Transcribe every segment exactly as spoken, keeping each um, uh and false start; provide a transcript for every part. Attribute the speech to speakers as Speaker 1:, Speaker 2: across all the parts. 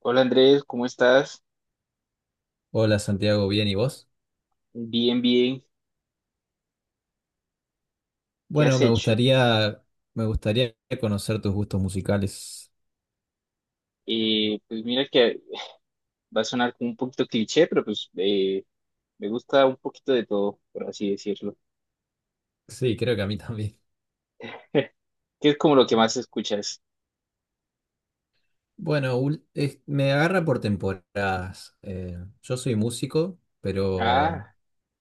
Speaker 1: Hola Andrés, ¿cómo estás?
Speaker 2: Hola Santiago, bien, ¿y vos?
Speaker 1: Bien, bien. ¿Qué
Speaker 2: Bueno,
Speaker 1: has
Speaker 2: me
Speaker 1: hecho?
Speaker 2: gustaría, me gustaría conocer tus gustos musicales.
Speaker 1: Eh, pues mira que va a sonar como un poquito cliché, pero pues eh, me gusta un poquito de todo, por así decirlo.
Speaker 2: Sí, creo que a mí también.
Speaker 1: ¿Qué es como lo que más escuchas?
Speaker 2: Bueno, ul- es- me agarra por temporadas. Eh, yo soy músico, pero
Speaker 1: Ah,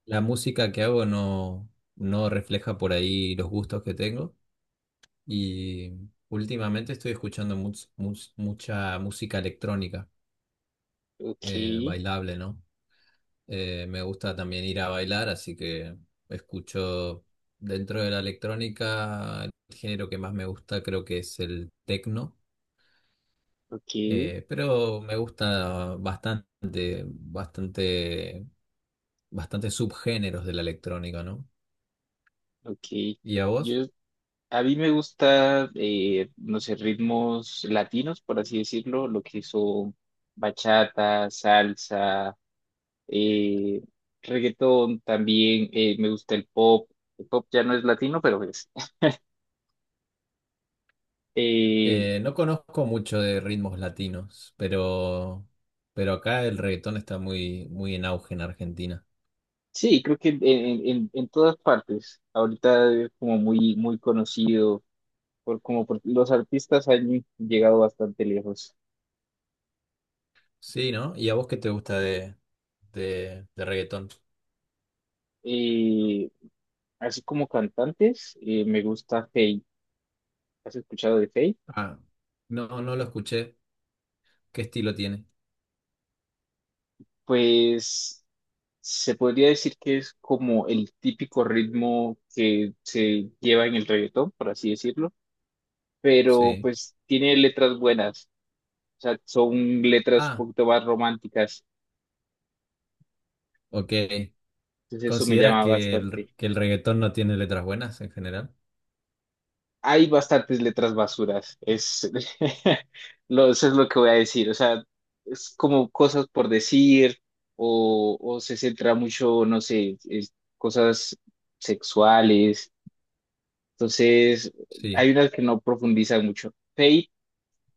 Speaker 2: la música que hago no, no refleja por ahí los gustos que tengo. Y Últimamente estoy escuchando much- much- mucha música electrónica, eh,
Speaker 1: ok,
Speaker 2: bailable, ¿no? Eh, me gusta también ir a bailar, así que escucho dentro de la electrónica, el género que más me gusta creo que es el techno,
Speaker 1: ok,
Speaker 2: eh, pero me gusta bastante, bastante, bastante subgéneros de la electrónica, ¿no?
Speaker 1: ok.
Speaker 2: ¿Y a vos?
Speaker 1: Yo, a mí me gusta, eh, no sé, ritmos latinos, por así decirlo, lo que son bachata, salsa, eh, reggaetón también, eh, me gusta el pop, el pop ya no es latino, pero es. Eh,
Speaker 2: Eh, no conozco mucho de ritmos latinos, pero, pero acá el reggaetón está muy, muy en auge en Argentina.
Speaker 1: sí, creo que en, en- en- en todas partes, ahorita es como muy, muy conocido, por, como por- los artistas han llegado bastante lejos.
Speaker 2: Sí, ¿no? ¿Y a vos qué te gusta de, de, de reggaetón?
Speaker 1: Eh, así como cantantes, eh, me gusta Feid, ¿has escuchado de Feid?
Speaker 2: Ah, no, no lo escuché. ¿Qué estilo tiene?
Speaker 1: Pues... Se podría decir que es como el típico ritmo que se lleva en el reggaetón, por así decirlo, pero
Speaker 2: Sí.
Speaker 1: pues tiene letras buenas, o sea, son letras un
Speaker 2: Ah,
Speaker 1: poquito más románticas,
Speaker 2: ok.
Speaker 1: entonces eso me
Speaker 2: ¿Consideras
Speaker 1: llama
Speaker 2: que el,
Speaker 1: bastante.
Speaker 2: que el reggaetón no tiene letras buenas en general?
Speaker 1: Hay bastantes letras basuras, es lo, eso es lo que voy a decir, o sea, es como cosas por decir o, o se centra mucho, no sé, es- cosas sexuales, entonces
Speaker 2: Sí.
Speaker 1: hay unas que no profundizan mucho. Fate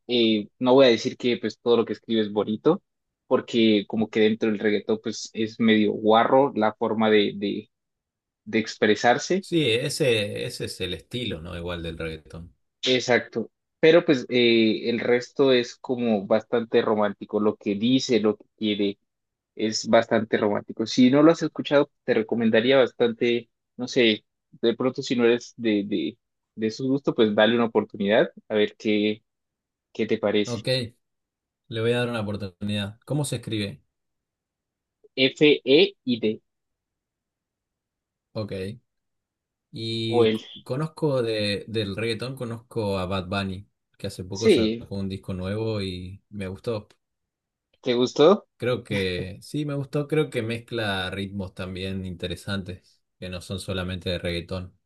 Speaker 1: eh, no voy a decir que pues todo lo que escribe es bonito, porque como que dentro del reggaetón pues es medio guarro la forma de, de, de expresarse.
Speaker 2: Sí, ese, ese es el estilo, ¿no? Igual del reggaetón.
Speaker 1: Exacto. Pero pues eh, el resto es como bastante romántico. Lo que dice, lo que quiere, es bastante romántico. Si no lo has escuchado, te recomendaría bastante, no sé, de pronto si no eres de, de, de su gusto, pues dale una oportunidad a ver qué, qué te parece.
Speaker 2: Ok, le voy a dar una oportunidad. ¿Cómo se escribe?
Speaker 1: F, E y D.
Speaker 2: Ok.
Speaker 1: O
Speaker 2: Y
Speaker 1: L.
Speaker 2: c- conozco de, del reggaetón, conozco a Bad Bunny, que hace poco
Speaker 1: Sí.
Speaker 2: sacó un disco nuevo y me gustó.
Speaker 1: ¿Te gustó?
Speaker 2: Creo que sí, me gustó. Creo que mezcla ritmos también interesantes, que no son solamente de reggaetón.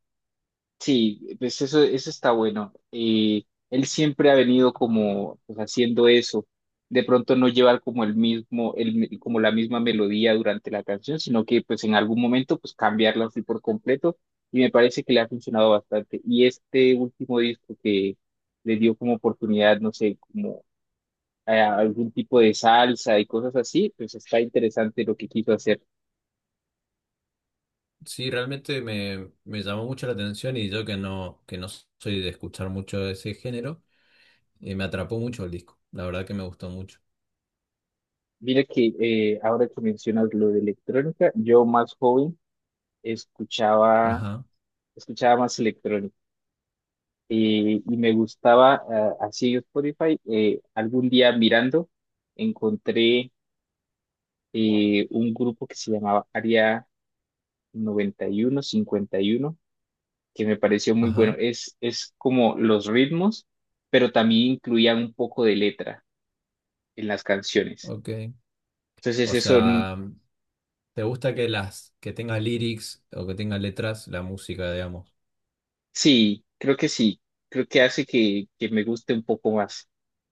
Speaker 1: Sí, pues eso, eso está bueno. Eh, él siempre ha venido como pues, haciendo eso. De pronto no llevar como el mismo, el, mi- como la misma melodía durante la canción, sino que pues en algún momento pues cambiarla así por completo. Y me parece que le ha funcionado bastante. Y este último disco que le dio como oportunidad, no sé, como eh, algún tipo de salsa y cosas así, pues está interesante lo que quiso hacer.
Speaker 2: Sí, realmente me, me llamó mucho la atención y yo que no, que no soy de escuchar mucho de ese género, eh, me atrapó mucho el disco. La verdad que me gustó mucho.
Speaker 1: Mira que eh, ahora que mencionas lo de electrónica, yo más joven escuchaba,
Speaker 2: Ajá,
Speaker 1: escuchaba más electrónica y, y me gustaba, ah, así en Spotify, eh, algún día mirando, encontré eh, un grupo que se llamaba Área noventa y uno cincuenta y uno, que me pareció muy bueno.
Speaker 2: ajá,
Speaker 1: Es, es como los ritmos, pero también incluían un poco de letra en las canciones.
Speaker 2: ok.
Speaker 1: Entonces
Speaker 2: O
Speaker 1: eso, n-
Speaker 2: sea, ¿te gusta que las, que tenga lyrics o que tenga letras la música, digamos?
Speaker 1: sí, creo que sí, creo que hace que, que me guste un poco más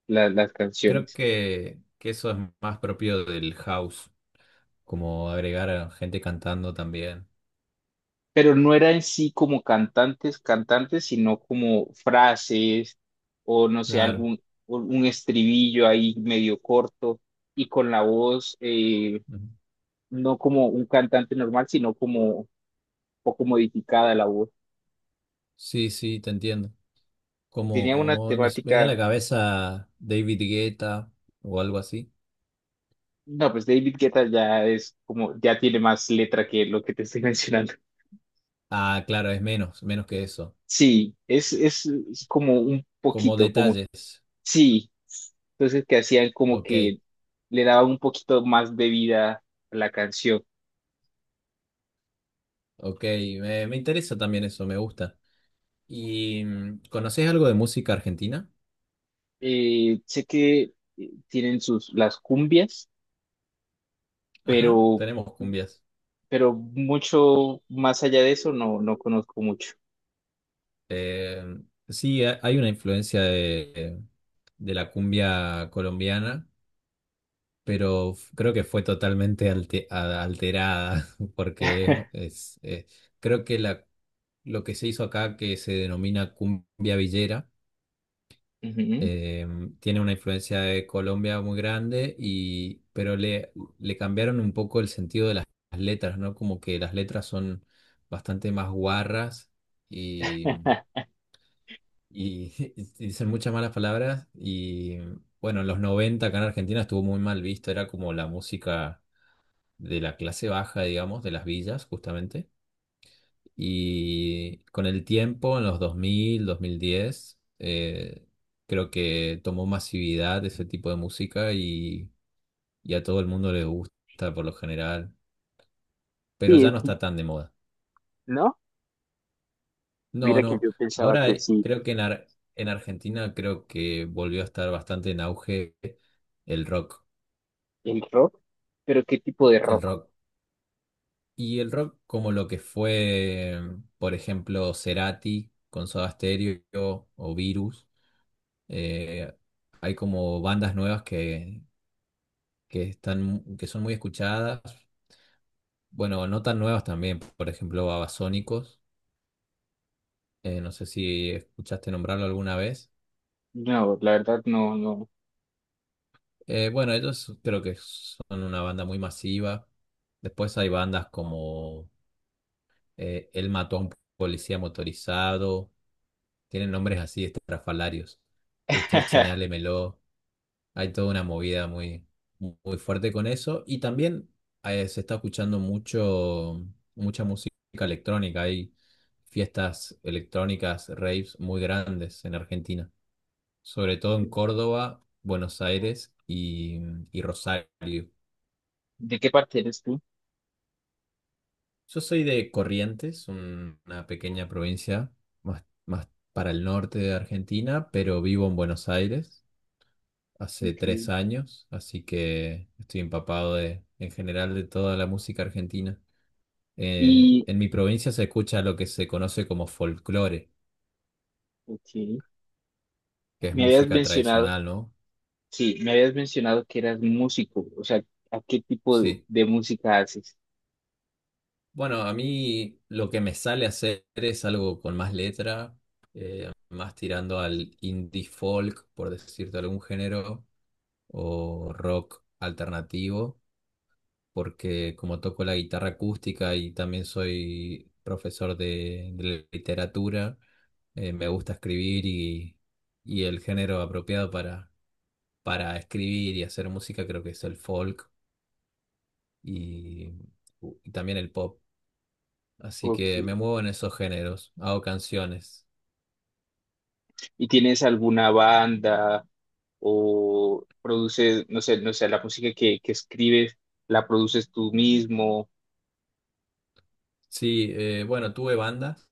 Speaker 1: la- las
Speaker 2: Creo
Speaker 1: canciones.
Speaker 2: que, que eso es más propio del house, como agregar a gente cantando también.
Speaker 1: Pero no era en sí como cantantes, cantantes, sino como frases o no sé,
Speaker 2: Claro.
Speaker 1: algún un estribillo ahí medio corto y con la voz eh,
Speaker 2: Ujú.
Speaker 1: no como un cantante normal, sino como un poco modificada la voz.
Speaker 2: Sí, sí, te entiendo.
Speaker 1: Tenía una
Speaker 2: Como me s- me viene a la
Speaker 1: temática,
Speaker 2: cabeza David Guetta o algo así.
Speaker 1: no, pues David Guetta ya es como, ya tiene más letra que lo que te estoy mencionando.
Speaker 2: Ah, claro, es menos, menos que eso.
Speaker 1: Sí, es, es, es como un
Speaker 2: Como
Speaker 1: poquito, como
Speaker 2: detalles.
Speaker 1: sí, entonces que hacían como
Speaker 2: Ok,
Speaker 1: que le daban un poquito más de vida a la canción.
Speaker 2: ok. Me, me interesa también eso, me gusta. ¿Y mm, conocés algo de música argentina?
Speaker 1: Eh, sé que eh, tienen sus las cumbias,
Speaker 2: Ajá,
Speaker 1: pero
Speaker 2: tenemos cumbias.
Speaker 1: pero mucho más allá de eso no no conozco mucho.
Speaker 2: Eh, sí, ha- hay una influencia de, de la cumbia colombiana pero f- creo que fue totalmente alte- a- alterada, porque es, eh, creo que la, lo que se hizo acá, que se denomina cumbia villera,
Speaker 1: Ujú.
Speaker 2: eh, tiene una influencia de Colombia muy grande, y, pero le, le cambiaron un poco el sentido de las letras, ¿no? Como que las letras son bastante más guarras y, y y dicen muchas malas palabras, y bueno, en los noventa acá en Argentina estuvo muy mal visto, era como la música de la clase baja, digamos, de las villas, justamente. Y con el tiempo, en los dos mil, dos mil diez, eh, creo que tomó masividad ese tipo de música y, y a todo el mundo le gusta por lo general, pero
Speaker 1: Sí,
Speaker 2: ya no
Speaker 1: sí,
Speaker 2: está tan de moda.
Speaker 1: ¿no?
Speaker 2: No,
Speaker 1: Mira que
Speaker 2: no.
Speaker 1: yo pensaba
Speaker 2: Ahora
Speaker 1: que
Speaker 2: eh,
Speaker 1: sí,
Speaker 2: creo que en, Ar- en Argentina creo que volvió a estar bastante en auge el rock.
Speaker 1: el rock, pero ¿qué tipo de
Speaker 2: El
Speaker 1: rock?
Speaker 2: rock. Y el rock como lo que fue, por ejemplo, Cerati con Soda Stereo o Virus, eh, hay como bandas nuevas que, que están, que son muy escuchadas, bueno, no tan nuevas también, por ejemplo, Babasónicos, eh, no sé si escuchaste nombrarlo alguna vez.
Speaker 1: No, la verdad no, no.
Speaker 2: Eh, bueno, ellos creo que son una banda muy masiva. Después hay bandas como eh, Él mató a un policía motorizado. Tienen nombres así estrafalarios. Usted señálemelo. Hay toda una movida muy, muy fuerte con eso. Y también eh, se está escuchando mucho, mucha música electrónica. Hay fiestas electrónicas, raves muy grandes en Argentina. Sobre todo en Córdoba, Buenos Aires y, y Rosario.
Speaker 1: ¿De qué parte eres tú?
Speaker 2: Yo soy de Corrientes, un- una pequeña provincia más, más para el norte de Argentina, pero vivo en Buenos Aires hace
Speaker 1: Ok.
Speaker 2: tres años, así que estoy empapado de, en general de toda la música argentina. Eh,
Speaker 1: Y,
Speaker 2: en mi provincia se escucha lo que se conoce como folclore,
Speaker 1: ok,
Speaker 2: que es
Speaker 1: me habías
Speaker 2: música
Speaker 1: mencionado
Speaker 2: tradicional, ¿no?
Speaker 1: sí, me habías mencionado que eras músico, o sea, ¿a qué tipo de,
Speaker 2: Sí.
Speaker 1: de música haces?
Speaker 2: Bueno, a mí lo que me sale hacer es algo con más letra, eh, más tirando al indie folk, por decirte algún género, o rock alternativo porque como toco la guitarra acústica y también soy profesor de, de literatura, eh, me gusta escribir y, y el género apropiado para, para escribir y hacer música creo que es el folk y, y también el pop. Así que me
Speaker 1: Ok.
Speaker 2: muevo en esos géneros, hago canciones.
Speaker 1: ¿Y tienes alguna banda o produces, no sé, no sé, la música que, que escribes, la produces tú mismo?
Speaker 2: Sí, eh, bueno, tuve bandas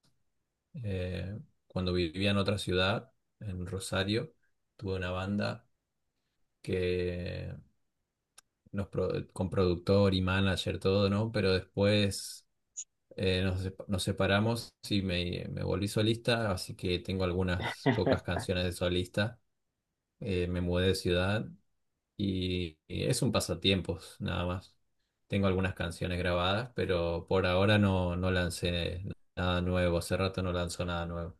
Speaker 2: eh, cuando vivía en otra ciudad, en Rosario, tuve una banda que nos pro- con productor y manager, todo, ¿no? Pero después eh, nos, sep- nos separamos y me, me volví solista, así que tengo algunas pocas canciones de solista. Eh, me mudé de ciudad y, y es un pasatiempos, nada más. Tengo algunas canciones grabadas, pero por ahora no, no lancé nada nuevo. Hace rato no lanzo nada nuevo.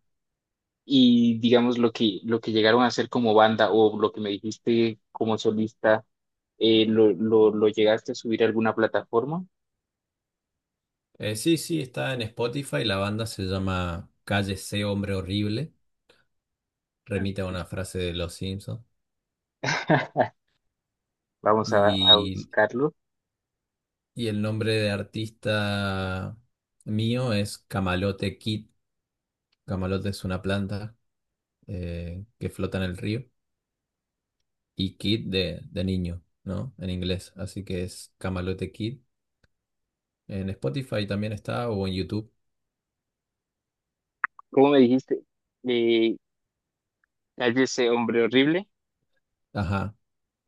Speaker 1: Y digamos lo que, lo que llegaron a hacer como banda o lo que me dijiste como solista, eh, ¿lo, lo, lo llegaste a subir a alguna plataforma?
Speaker 2: Eh, sí, sí, está en Spotify. La banda se llama Cállese, hombre horrible. Remite a
Speaker 1: Ah,
Speaker 2: una frase de Los Simpsons.
Speaker 1: vamos a, a
Speaker 2: Y
Speaker 1: buscarlo.
Speaker 2: Y el nombre de artista mío es Camalote Kid. Camalote es una planta eh, que flota en el río. Y Kid de, de niño, ¿no? En inglés. Así que es Camalote Kid. En Spotify también está o en YouTube.
Speaker 1: ¿Cómo me dijiste? Eh, Cállese, hombre horrible.
Speaker 2: Ajá.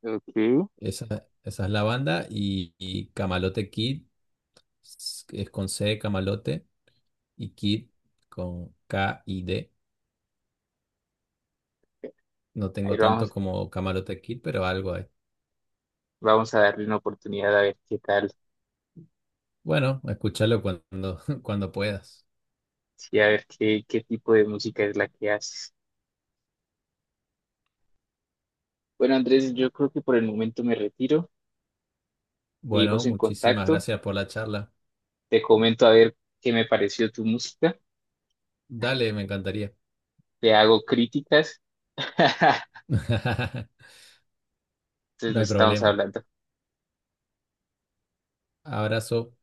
Speaker 1: Ok.
Speaker 2: Esa, esa es la banda. Y, y Camalote Kid es es con C, Camalote. Y Kid con K y D. No
Speaker 1: Ahí
Speaker 2: tengo tanto
Speaker 1: vamos,
Speaker 2: como Camalote Kid, pero algo hay.
Speaker 1: vamos a darle una oportunidad a ver qué tal,
Speaker 2: Bueno, escúchalo cuando, cuando puedas.
Speaker 1: sí, a ver qué, qué tipo de música es la que haces. Bueno, Andrés, yo creo que por el momento me retiro.
Speaker 2: Bueno,
Speaker 1: Seguimos en
Speaker 2: muchísimas
Speaker 1: contacto.
Speaker 2: gracias por la charla.
Speaker 1: Te comento a ver qué me pareció tu música.
Speaker 2: Dale, me encantaría.
Speaker 1: Te hago críticas. Entonces
Speaker 2: No hay
Speaker 1: nos estamos
Speaker 2: problema.
Speaker 1: hablando.
Speaker 2: Abrazo.